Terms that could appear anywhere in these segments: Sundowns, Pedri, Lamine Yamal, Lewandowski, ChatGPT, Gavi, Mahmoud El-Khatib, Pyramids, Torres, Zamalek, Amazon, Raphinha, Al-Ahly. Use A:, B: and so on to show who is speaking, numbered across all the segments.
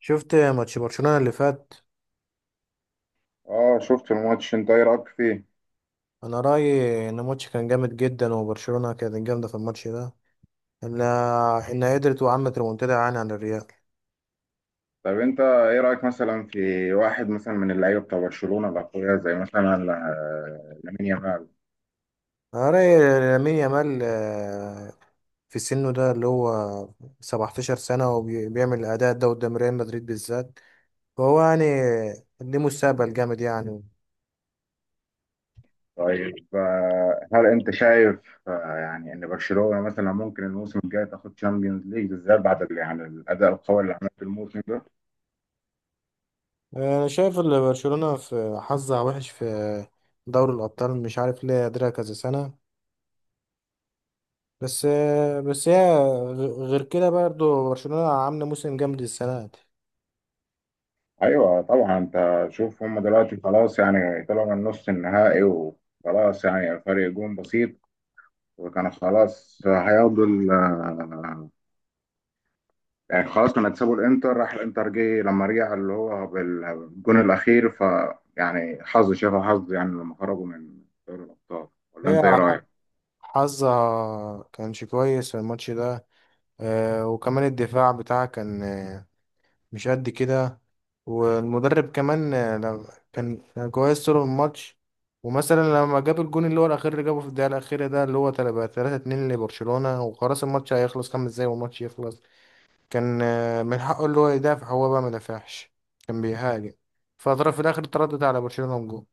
A: شفت ماتش برشلونة اللي فات.
B: اه شفت الماتش، انت ايه رايك فيه؟
A: انا رأيي ان الماتش كان جامد جدا وبرشلونة كانت جامدة في الماتش ده. انها قدرت وعملت ريمونتادا يعني عن الريال.
B: طب انت ايه رايك مثلا في واحد مثلا من اللعيبه بتاع برشلونه الاقوياء زي مثلا لامين يامال؟
A: انا رأيي لامين يامال، في سنه ده اللي هو 17 سنة وبيعمل الأداء ده قدام ريال مدريد بالذات، فهو يعني ليه مستقبل جامد يعني.
B: طيب هل انت شايف ان برشلونه مثلا ممكن الموسم الجاي تاخد تشامبيونز ليج بالذات بعد الاداء القوي اللي عملته الموسم ده؟
A: انا شايف ان برشلونة في حظها وحش في دوري الأبطال، مش عارف ليه قادرة كذا سنة، بس بس هي غير كده برضه برشلونة عاملة موسم جامد السنة دي.
B: ايوه طبعا، انت شوف هم دلوقتي خلاص، يعني طلعوا من نص النهائي وخلاص يعني فرق جون بسيط، وكانوا خلاص هياخدوا يعني خلاص، كنا كسبوا الانتر، راح الانتر جه لما رجع اللي هو بالجون الاخير، ف يعني حظ، شافها حظ يعني لما خرجوا من دوري الابطال، ولا
A: هي
B: انت ايه
A: ح-
B: رايك؟
A: حظها كانش كويس في الماتش ده، وكمان الدفاع بتاعها كان، مش قد كده، والمدرب كمان كان كويس طول الماتش. ومثلا لما جاب الجون اللي هو الأخير اللي جابه في الدقيقة الأخيرة ده، اللي هو 3-2 لبرشلونة، وخلاص الماتش هيخلص خمس دقايق والماتش يخلص، كان من حقه اللي هو يدافع، هو بقى ما دافعش، كان بيهاجم، فاضطر في الاخر تردد على برشلونة وجون.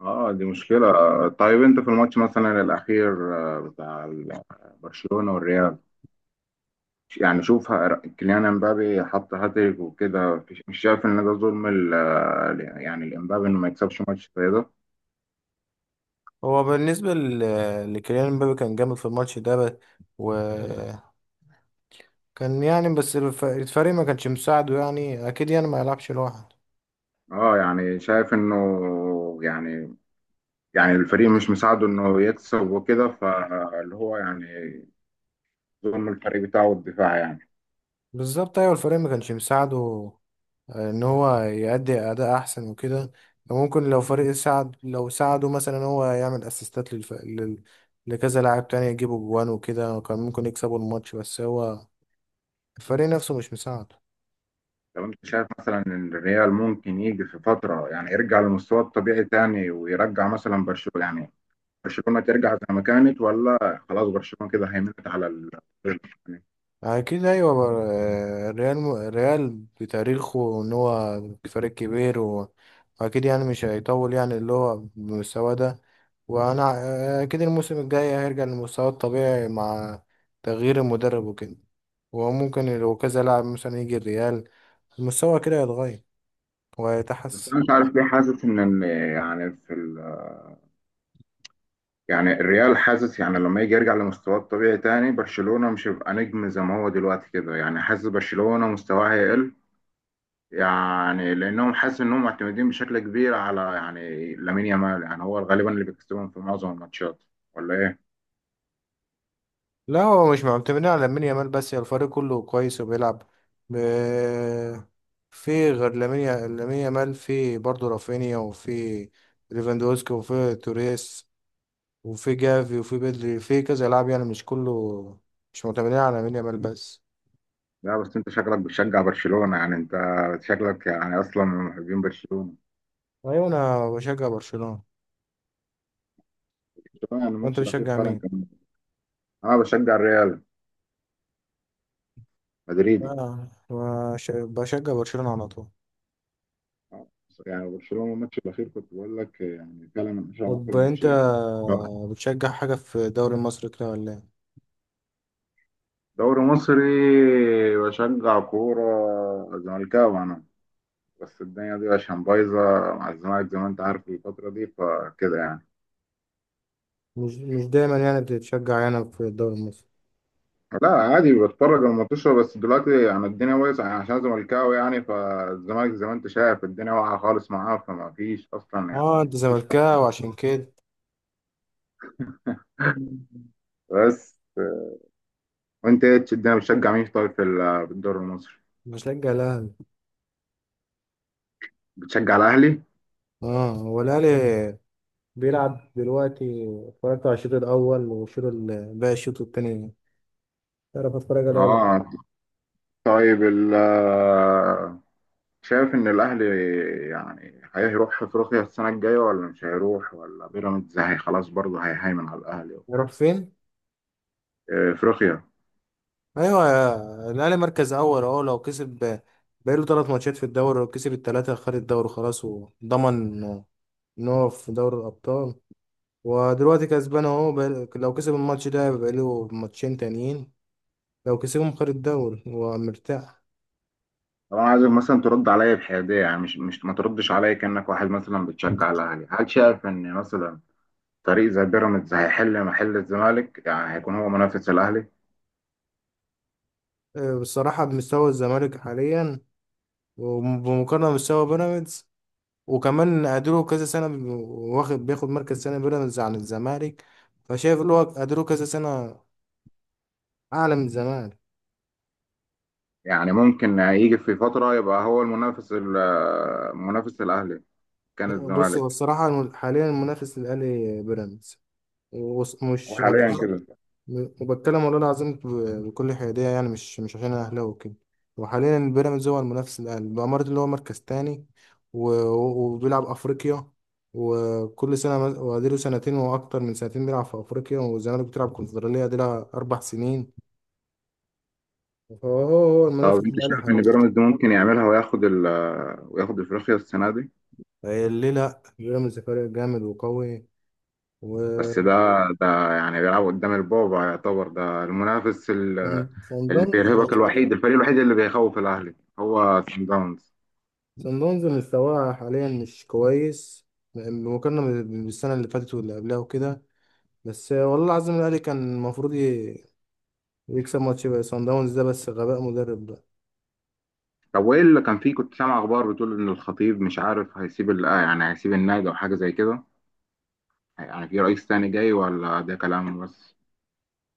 B: اه دي مشكله. طيب انت في الماتش مثلا الاخير برشلونه والريال، يعني شوف كيليان امبابي حط هاتريك وكده، مش شايف ان ده ظلم الامبابي انه ما يكسبش ماتش زي ده؟
A: هو بالنسبة لكيليان مبابي كان جامد في الماتش ده بس، وكان يعني، بس الفريق ما كانش مساعده يعني، اكيد يعني ما يلعبش لوحده.
B: اه يعني شايف انه يعني، يعني الفريق مش مساعده انه يكسب وكده، فاللي هو يعني ظلم الفريق بتاعه الدفاع يعني.
A: بالظبط، ايوه الفريق ما كانش مساعده، ان هو يأدي اداء احسن وكده. ممكن لو فريق ساعد، لو ساعده مثلا إن هو يعمل اسيستات للف... لل... لكذا لاعب تاني يجيبوا جوان وكده، كان ممكن يكسبوا الماتش، بس هو الفريق نفسه مش مساعده.
B: طب انت شايف مثلا ان الريال ممكن يجي في فتره يعني يرجع لمستواه الطبيعي تاني، ويرجع مثلا برشلونه يعني برشلونه ترجع زي ما كانت، ولا خلاص برشلونه كده هيمنت على ال يعني.
A: اكيد ايوه، الريال، الريال بتاريخه ان هو فريق كبير، واكيد يعني مش هيطول يعني اللي هو بالمستوى ده. وانا اكيد الموسم الجاي هيرجع لمستواه الطبيعي مع تغيير المدرب وكده، وممكن لو كذا لاعب مثلا يجي الريال المستوى كده يتغير
B: بس
A: ويتحسن.
B: انا مش عارف ليه حاسس ان يعني في يعني الريال، حاسس يعني لما يجي يرجع لمستواه الطبيعي تاني برشلونه مش هيبقى نجم زي ما هو دلوقتي كده، يعني حاسس برشلونه مستواه هيقل، يعني لانهم حاسس انهم معتمدين بشكل كبير على يعني لامين يامال، يعني هو غالبا اللي بيكسبهم في معظم الماتشات، ولا ايه؟
A: لا، هو مش معتمدين على لامين يامال بس، هي الفريق كله كويس وبيلعب ب... في غير لامين يامال في برضه رافينيا، وفي ليفاندوسكي، وفي توريس، وفي جافي، وفي بدري، في كذا لاعب يعني، مش كله، مش معتمدين على لامين يامال بس.
B: لا بس انت شكلك بتشجع برشلونة، يعني انت شكلك يعني اصلا من محبين برشلونة.
A: ايوه، انا بشجع برشلونة.
B: يعني
A: وانت
B: الماتش الاخير
A: بتشجع
B: فعلا
A: مين؟
B: كان. انا بشجع الريال، مدريدي.
A: انا بشجع برشلونة على طول.
B: يعني برشلونة الماتش الاخير كنت بقول لك يعني فعلا من اشهر اقوى
A: طب انت
B: الماتشات.
A: بتشجع حاجة في الدوري المصري كده ولا ايه؟
B: دوري مصري، بشجع كورة، زملكاوي انا. بس الدنيا دي عشان بايظة مع الزمالك زي ما انت عارف الفترة دي، فكده يعني.
A: مش دايما يعني بتتشجع هنا في الدوري المصري.
B: لا عادي بتفرج على الماتشات، بس دلوقتي يعني الدنيا بايظة يعني عشان زملكاوي يعني، فالزمالك زي ما انت شايف الدنيا واقعة خالص معاه، فما فيش أصلا
A: اه انت
B: يعني مفيش.
A: زملكاوي عشان كده.
B: بس، وانت ايه الدنيا بتشجع مين طيب في في الدوري المصري؟
A: بشجع الاهلي.
B: بتشجع الأهلي؟
A: اه هو الاهلي بيلعب دلوقتي، اتفرجت على الشوط الاول والشوط باقي الشوط التاني. تعرف اتفرج عليه ولا لا؟
B: اه. طيب ال شايف إن الأهلي يعني هيروح أفريقيا السنة الجاية، ولا مش هيروح؟ ولا بيراميدز هي خلاص برضه هيهيمن على الأهلي؟
A: يروح فين؟
B: افريقيا.
A: ايوه الاهلي مركز اول اهو، لو كسب بقاله ثلاث ماتشات في الدوري، لو كسب الثلاثه خد الدوري خلاص، وضمن ان هو في دوري الابطال. ودلوقتي كسبان اهو لو كسب الماتش ده بقاله ماتشين تانيين، لو كسبهم خد الدوري هو مرتاح.
B: طبعا عايزك مثلا ترد عليا بحياديه، يعني مش ما تردش عليا كانك واحد مثلا بتشجع الاهلي، هل شايف ان مثلا فريق زي بيراميدز هيحل محل الزمالك، يعني هيكون هو منافس الاهلي؟
A: بصراحة بمستوى الزمالك حاليا، وبمقارنة بمستوى بيراميدز، وكمان قدروا كذا سنة واخد، بياخد مركز سنة بيراميدز عن الزمالك، فشايف اللي هو قدروا كذا سنة أعلى من الزمالك.
B: يعني ممكن يجي في فتره يبقى هو منافس الاهلي؟ كان
A: بص هو
B: الزمالك.
A: الصراحة حاليا المنافس للأهلي بيراميدز، ومش،
B: وحاليا كده.
A: وبتكلم والله العظيم بكل حيادية يعني، مش عشان أنا أهلاوي وكده. وحاليا بيراميدز هو المنافس الأقل، الإمارات اللي هو مركز تاني، وبيلعب أفريقيا، وكل سنة وأديله سنتين وأكتر من سنتين بيلعب في أفريقيا، والزمالك بتلعب كونفدرالية دي لها أربع سنين، فهو هو المنافس
B: طب انت
A: الأقل
B: شايف ان
A: حاليا.
B: بيراميدز ممكن يعملها وياخد ال وياخد افريقيا السنه دي؟
A: ليه لأ، بيراميدز فريق جامد وقوي و
B: بس ده، ده يعني بيلعب قدام البابا، يعتبر ده المنافس
A: صن
B: ال-
A: صن
B: اللي
A: داونز
B: بيرهبك الوحيد، الفريق الوحيد اللي بيخوف الاهلي هو سان داونز.
A: صن داونز مستواه حاليا مش كويس بمقارنة بالسنة اللي فاتت واللي قبلها وكده، بس والله العظيم الاهلي كان المفروض يكسب ماتش بقى صن داونز ده، بس غباء مدرب ده.
B: طب وايه اللي كان فيه؟ كنت سامع اخبار بتقول ان الخطيب مش عارف هيسيب يعني هيسيب النادي او حاجه زي كده، يعني في رئيس تاني جاي، ولا ده كلام بس؟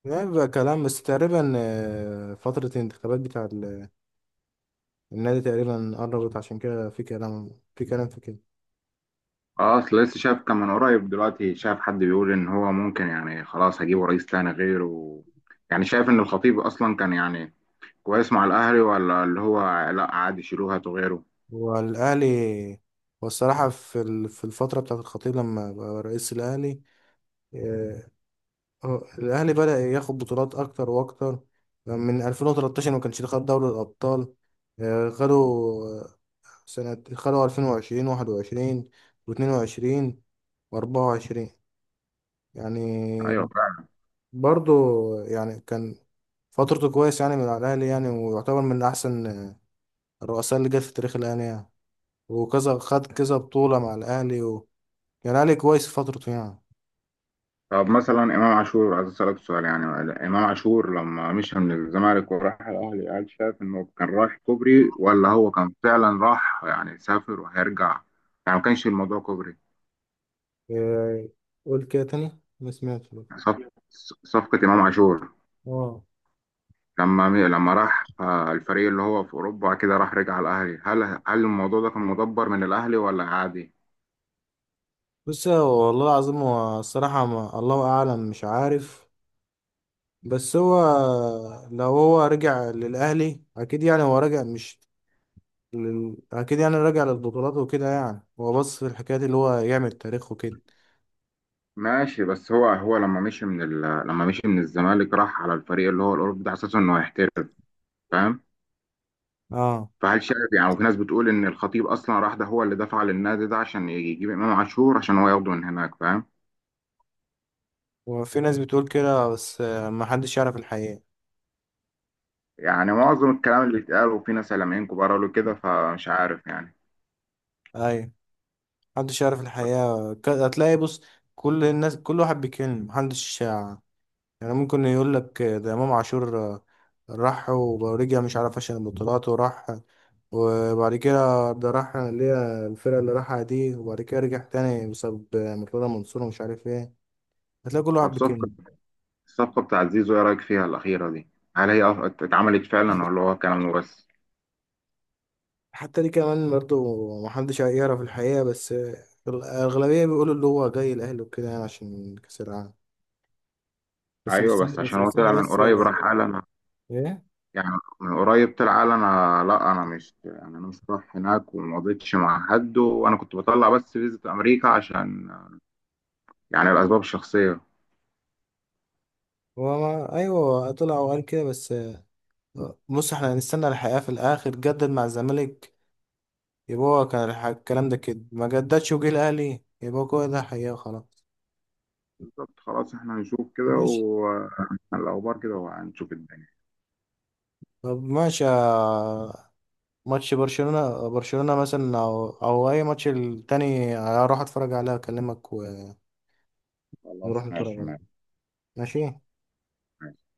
A: يعني بقى كلام بس تقريبا، فترة الانتخابات بتاع النادي تقريبا قربت، عشان كده في كلام، في كده.
B: اه اصل لسه شايف، كان من قريب دلوقتي شايف حد بيقول ان هو ممكن يعني خلاص هجيبه رئيس تاني غيره، يعني شايف ان الخطيب اصلا كان يعني كويس مع الاهلي، ولا اللي هو لا عادي شيلوه هاتوا غيره؟
A: والأهلي، والصراحة في في الفترة بتاعة الخطيب لما بقى رئيس الأهلي، آه، هو الأهلي بدأ ياخد بطولات أكتر وأكتر، من 2013 ما كانش خد دوري الأبطال، خدوا سنة، خدوا 2020 21 و22 و24،
B: ايوه.
A: يعني برضو، يعني كان فترته كويس يعني من على الأهلي، يعني، ويعتبر من أحسن الرؤساء اللي جت في تاريخ الأهلي يعني، وكذا خد كذا بطولة مع الأهلي و... يعني الأهلي كويس في فترته يعني.
B: طب مثلا امام عاشور، عايز اسالك سؤال يعني، امام عاشور لما مشى من الزمالك وراح الاهلي، هل شايف انه كان رايح كوبري، ولا هو كان فعلا راح يعني سافر وهيرجع؟ يعني ما كانش الموضوع كوبري.
A: إيه، قول كده تاني ما سمعتش.
B: يعني صف- صفقة امام عاشور
A: اه
B: لما راح الفريق اللي هو في اوروبا كده، راح رجع الاهلي، هل الموضوع ده كان مدبر من الاهلي ولا عادي؟
A: بس هو والله العظيم، هو الصراحة ما، الله أعلم مش عارف، بس هو لو هو رجع للأهلي أكيد يعني هو رجع، مش لل... اكيد يعني راجع للبطولات وكده يعني، هو بص في الحكايات اللي هو يعمل تاريخ وكده.
B: ماشي. بس هو لما مشي من لما مشي من الزمالك راح على الفريق اللي هو الاوروبي ده على اساس انه هيحترف، فاهم؟
A: اه،
B: فهل شايف يعني، وفي ناس بتقول ان الخطيب اصلا راح ده هو اللي دفع للنادي ده عشان يجيب امام عاشور، عشان هو ياخده من هناك، فاهم؟
A: وفي ناس بتقول كده، بس ما حدش يعرف الحقيقة.
B: يعني معظم الكلام اللي اتقال، وفي ناس اعلاميين كبار قالوا كده، فمش عارف يعني.
A: ايوه، محدش يعرف
B: بس.
A: الحقيقة، هتلاقي بص كل الناس كل واحد بيتكلم، محدش يعني ممكن يقول لك، ده امام عاشور راح ورجع مش عارف عشان البطولات وراح، وبعد كده ده راح اللي هي الفرقة اللي راحها دي، وبعد كده رجع تاني بسبب مرتضى منصور ومش عارف ايه، هتلاقي كل
B: طب
A: واحد
B: صفقة،
A: بيتكلم.
B: الصفقة بتاعت زيزو ايه رايك فيها الاخيرة دي؟ هل هي أف- اتعملت فعلا، ولا هو كلام بس؟
A: حتى دي كمان برضو محدش هيعرف الحقيقة، بس الأغلبية بيقولوا اللي هو جاي الأهلي وكده يعني عشان كأس العالم، بس
B: ايوه
A: مستني
B: بس
A: بس
B: عشان هو
A: مستني
B: طلع من
A: بس.
B: قريب راح قال انا،
A: إيه؟
B: يعني من قريب طلع قال انا لا انا مش يعني انا مش رايح هناك، وما قضيتش مع حد، وانا كنت بطلع بس فيزة امريكا عشان يعني الاسباب الشخصية.
A: هو ما، أيوه طلع وقال كده بس. بص إحنا هنستنى الحقيقة في الآخر، جدد مع الزمالك، يبقى هو كان الكلام ده كده، ما جددش وجه الأهلي، يبقى هو ده حقيقة خلاص.
B: بالظبط، خلاص، احنا هنشوف كده،
A: ماشي.
B: والاخبار كده، وهنشوف الدنيا.
A: طب ماشي ماتش برشلونة مثلا، أو أي ماتش التاني هروح أتفرج عليه، أكلمك ونروح
B: خلاص،
A: نتفرج
B: ماشي
A: عليه.
B: ماشي،
A: ماشي.
B: ماشي.